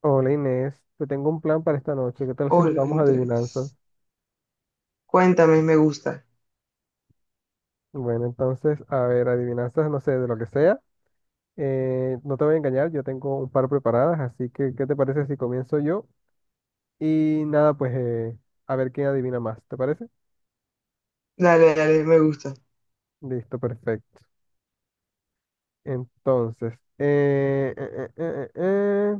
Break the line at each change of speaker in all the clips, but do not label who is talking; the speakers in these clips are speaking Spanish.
Hola Inés, te tengo un plan para esta noche. ¿Qué tal si
Hola,
jugamos
entre.
adivinanzas?
Cuéntame, me gusta.
Bueno, entonces, a ver, adivinanzas, no sé, de lo que sea. No te voy a engañar, yo tengo un par preparadas, así que, ¿qué te parece si comienzo yo? Y nada, pues a ver quién adivina más, ¿te parece?
Dale, dale, me gusta.
Listo, perfecto. Entonces,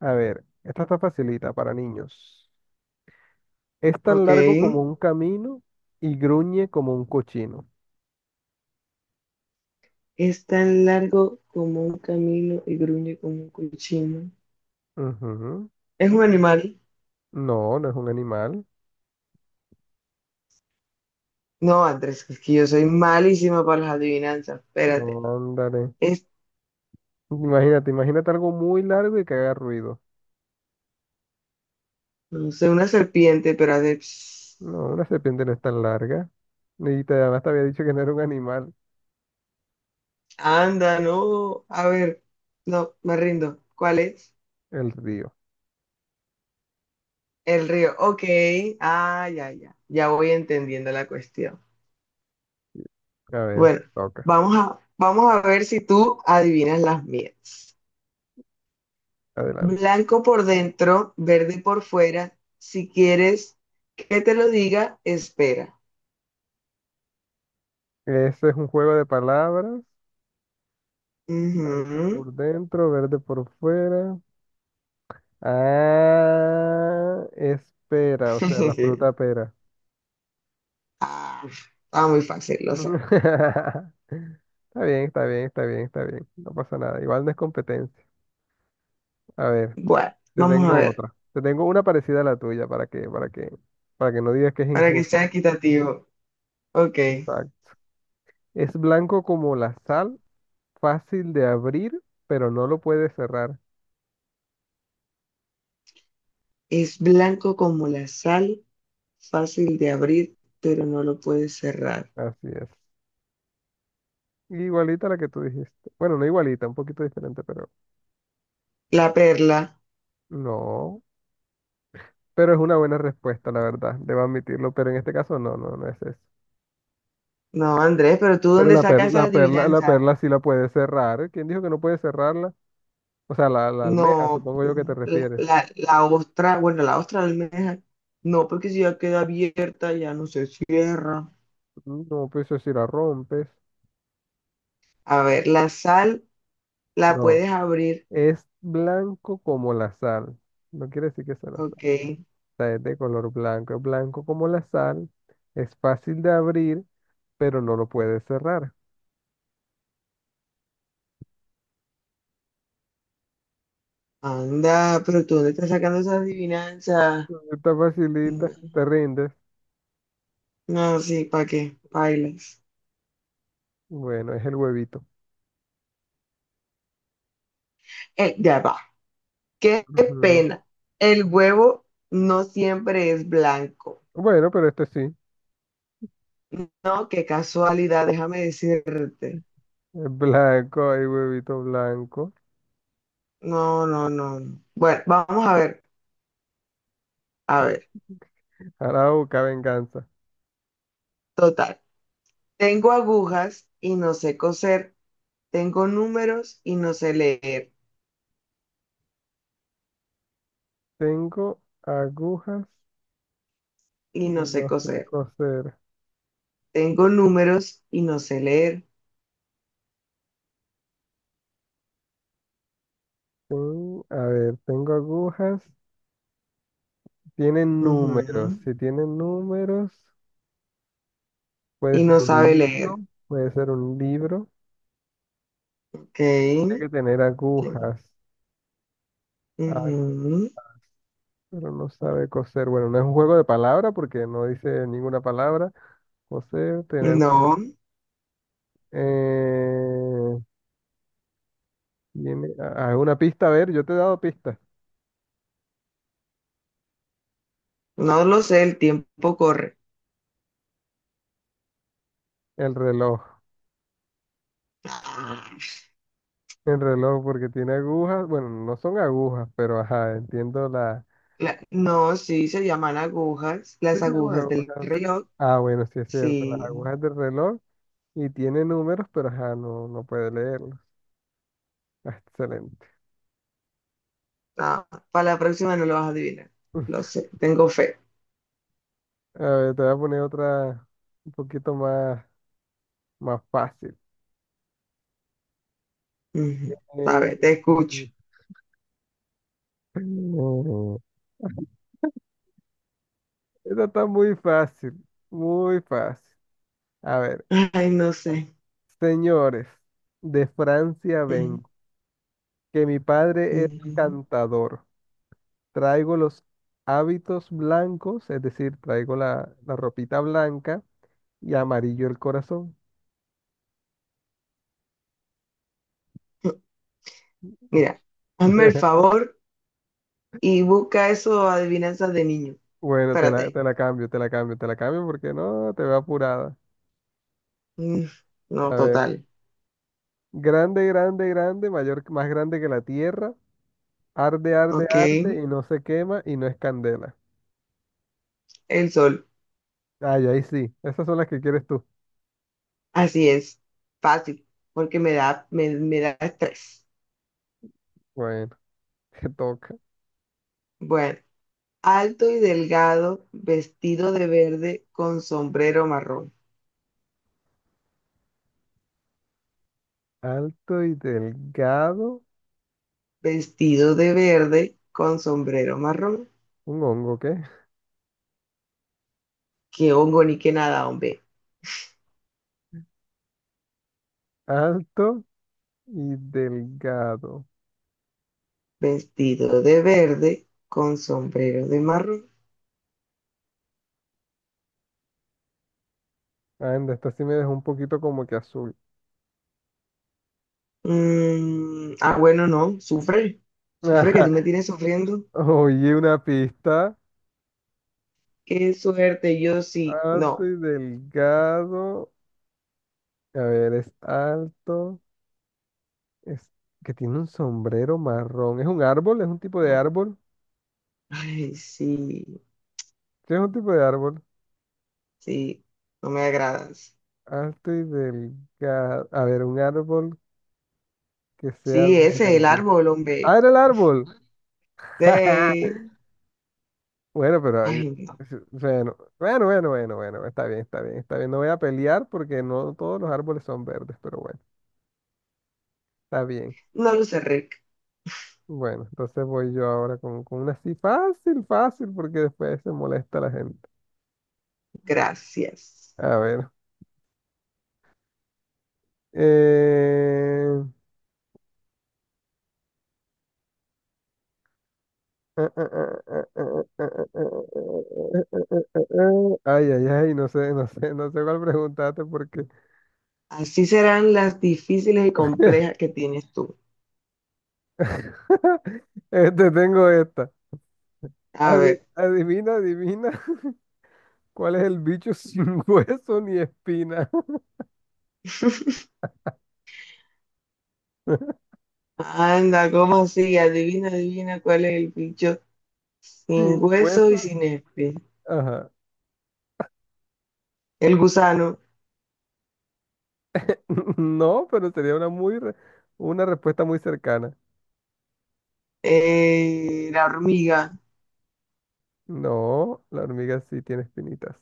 a ver, esta está facilita para niños. Es tan
Ok.
largo como un camino y gruñe como un cochino.
Es tan largo como un camino y gruñe como un cochino.
Ujú.
¿Es un animal?
No, no es un animal.
No, Andrés, es que yo soy malísima para las adivinanzas. Espérate.
No, ándale.
Es,
Imagínate algo muy largo y que haga ruido.
no sé, una serpiente, pero hace pss.
No, una serpiente no es tan larga. Y además te había dicho que no era un animal,
Anda, no. A ver. No, me rindo. ¿Cuál es?
el río.
El río. Ok. Ah, ya, ya. Ya voy entendiendo la cuestión.
A ver,
Bueno,
toca.
vamos a ver si tú adivinas las mías.
Adelante.
Blanco por dentro, verde por fuera. Si quieres que te lo diga, espera.
Ese es un juego de palabras. Blanco
Ujú.
por dentro, verde por fuera. Ah, espera, o sea, la fruta pera.
Ah, estaba muy fácil, lo sé.
Está bien, está bien, está bien, está bien. No pasa nada. Igual no es competencia. A ver.
Bueno,
Te
vamos a
tengo
ver,
otra. Te tengo una parecida a la tuya para que no digas que es
para que sea
injusto.
equitativo. Ok.
Exacto. Es blanco como la sal, fácil de abrir, pero no lo puedes cerrar.
Es blanco como la sal, fácil de abrir, pero no lo puedes cerrar.
Así es. Igualita a la que tú dijiste. Bueno, no igualita, un poquito diferente, pero
La perla.
no. Pero es una buena respuesta, la verdad. Debo admitirlo, pero en este caso no, no, no es eso.
No, Andrés, pero ¿tú
Pero
dónde sacas esa
la
adivinanza?
perla sí la puede cerrar. ¿Quién dijo que no puede cerrarla? O sea, la
No,
almeja, supongo yo que te refieres.
la ostra, bueno, la ostra de almeja, no, porque si ya queda abierta, ya no se cierra.
No, pues eso si la rompes.
A ver, la sal la
No.
puedes abrir,
Es blanco como la sal. No quiere decir que sea la sal.
ok.
O sea, es de color blanco. Es blanco como la sal. Es fácil de abrir, pero no lo puedes cerrar.
Anda, pero tú dónde estás sacando esas adivinanzas.
Está
No,
facilita. Te rindes.
no, sí, ¿para qué? Bailas.
Bueno, es el huevito.
Ya va. Qué
Ujú.
pena. El huevo no siempre es blanco.
Bueno, pero este sí.
No, qué casualidad, déjame decirte.
Es blanco. Hay huevito blanco.
No, no, no, no. Bueno, vamos a ver,
Ahora busca venganza.
total. Tengo agujas y no sé coser. Tengo números y no sé leer
Tengo agujas
y
y
no sé
no sé
coser.
coser.
Tengo números y no sé leer.
A ver, tengo agujas. Tienen
Ujú.
números. Si tienen números. Puede
Y
ser
no
un
sabe
hilo,
leer.
puede ser un libro.
Ok,
Tiene que tener
ok.
agujas. Ah,
Ujú.
pero no sabe coser. Bueno, no es un juego de palabras porque no dice ninguna palabra. Coser, tener...
No,
Eh, Tiene, una pista, a ver, yo te he dado pista.
no lo sé. El tiempo corre.
El reloj. El reloj porque tiene agujas. Bueno, no son agujas, pero ajá, entiendo la...
La, no, sí, se llaman agujas.
sí,
Las
sí,
agujas
bueno,
del
bueno.
reloj.
Ah, bueno, sí es cierto. Las
Sí.
agujas del reloj y tiene números, pero ajá, no, no puede leerlos. Ah, excelente.
Ah, para la próxima no lo vas a adivinar. Lo sé. Tengo fe.
A ver, te voy a poner otra un poquito más, más fácil.
Ujú. A ver,
Eh,
te escucho.
esta está muy fácil, muy fácil. A ver,
Ay, no sé.
señores, de Francia
Ujú,
vengo, que mi padre es
ujú.
cantador. Traigo los hábitos blancos, es decir, traigo la ropita blanca y amarillo el corazón.
Mira, hazme el favor y busca eso, adivinanzas de niño.
Bueno,
Espérate ahí.
te la cambio porque no, te veo apurada.
Mm, no,
A ver.
total.
Grande, grande, grande, mayor, más grande que la tierra. Arde, arde,
Ok,
arde y no se quema y no es candela.
el sol.
Ay, ahí sí. Esas son las que quieres tú.
Así es, fácil, porque me da estrés.
Bueno, te toca.
Bueno, alto y delgado, vestido de verde con sombrero marrón.
Alto y delgado.
Vestido de verde con sombrero marrón.
Un hongo, ¿qué?
Qué hongo ni qué nada, hombre.
Alto y delgado.
Vestido de verde con sombrero de marrón.
Anda, esta sí me dejó un poquito como que azul.
Mm, ah, bueno, no, sufre, sufre que tú me tienes sufriendo.
Oye, una pista.
Qué suerte, yo sí,
Alto
no.
y delgado. A ver, es alto. Es que tiene un sombrero marrón. ¿Es un árbol? ¿Es un tipo de
No.
árbol?
Ay, sí,
¿Qué es un tipo de árbol?
sí, no me agradas.
Alto y delgado. A ver, un árbol que sea
Sí, ese, es el
verde.
árbol,
¡Ah,
hombre.
era el árbol!
Sí.
Bueno, pero yo-
Ay, no,
bueno, bueno, bueno, bueno, bueno, está bien, está bien, está bien. No voy a pelear porque no todos los árboles son verdes, pero bueno, está bien.
no lo sé, Rick.
Bueno, entonces voy yo ahora con una así fácil, fácil, porque después se molesta la gente.
Gracias.
A ver. eh, Ay, ay, ay, no sé cuál preguntaste porque
Así serán las difíciles y complejas que tienes tú.
este tengo esta.
A ver,
Adivina cuál es el bicho sin hueso ni espina.
anda, ¿cómo así? Adivina, adivina cuál es el bicho
Sin
sin hueso
hueso,
y sin espi.
ajá.
El gusano.
No, pero sería una respuesta muy cercana.
La hormiga.
No, la hormiga sí tiene espinitas.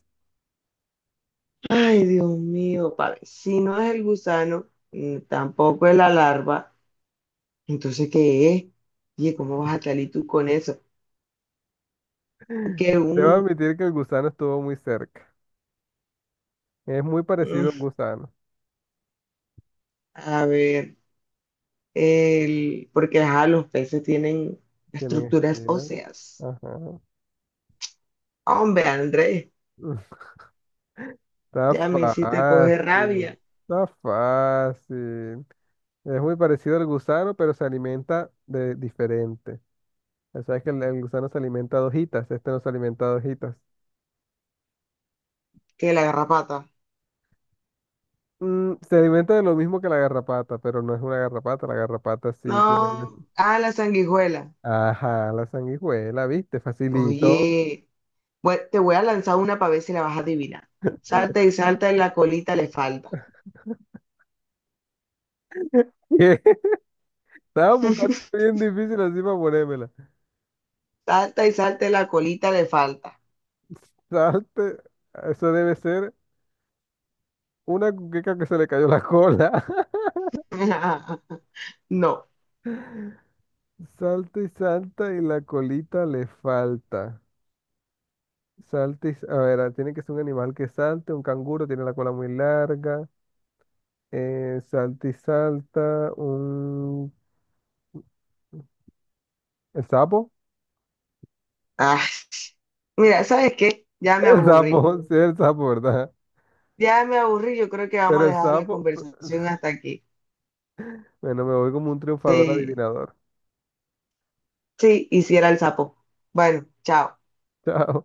Ay, Dios mío, padre. Si no es el gusano, mm, tampoco es la larva, entonces, ¿qué es? Oye, ¿cómo vas a salir tú con eso? Que un,
Debo admitir que el gusano estuvo muy cerca. Es muy parecido a un
mm,
gusano.
a ver, el, porque ajá, los peces tienen
Tienen
estructuras
espinas.
óseas.
Ajá.
Hombre, Andrés,
Está
ya me hiciste coger
fácil,
rabia.
está fácil. Es muy parecido al gusano, pero se alimenta de diferente. O sea, que el gusano se alimenta de hojitas, este no se alimenta de hojitas.
Que la garrapata.
Mm, se alimenta de lo mismo que la garrapata, pero no es una garrapata, la garrapata sí tiene hueso.
No, ah, la sanguijuela.
Ajá, la sanguijuela, ¿viste? Facilito.
Oye. Bueno, te voy a lanzar una para ver si la vas a adivinar. Salta y salta y la colita le falta.
Estaba buscando una bien difícil así para ponérmela.
Salta y salta y la colita le falta.
Salte, eso debe ser una cuqueca que se le cayó la cola.
No.
Salta y salta y la colita le falta. Salta y... A ver, ah, tiene que ser un animal que salte, un canguro tiene la cola muy larga. Salta y salta, un... ¿El sapo?
Ay, mira, ¿sabes qué? Ya me
El sapo,
aburrí.
sí, el sapo, ¿verdad?
Ya me aburrí. Yo creo que vamos
Pero
a
el
dejar la
sapo,
conversación hasta aquí.
bueno, me voy como un triunfador
Sí,
adivinador.
sí, hiciera el sapo. Bueno, chao.
Chao.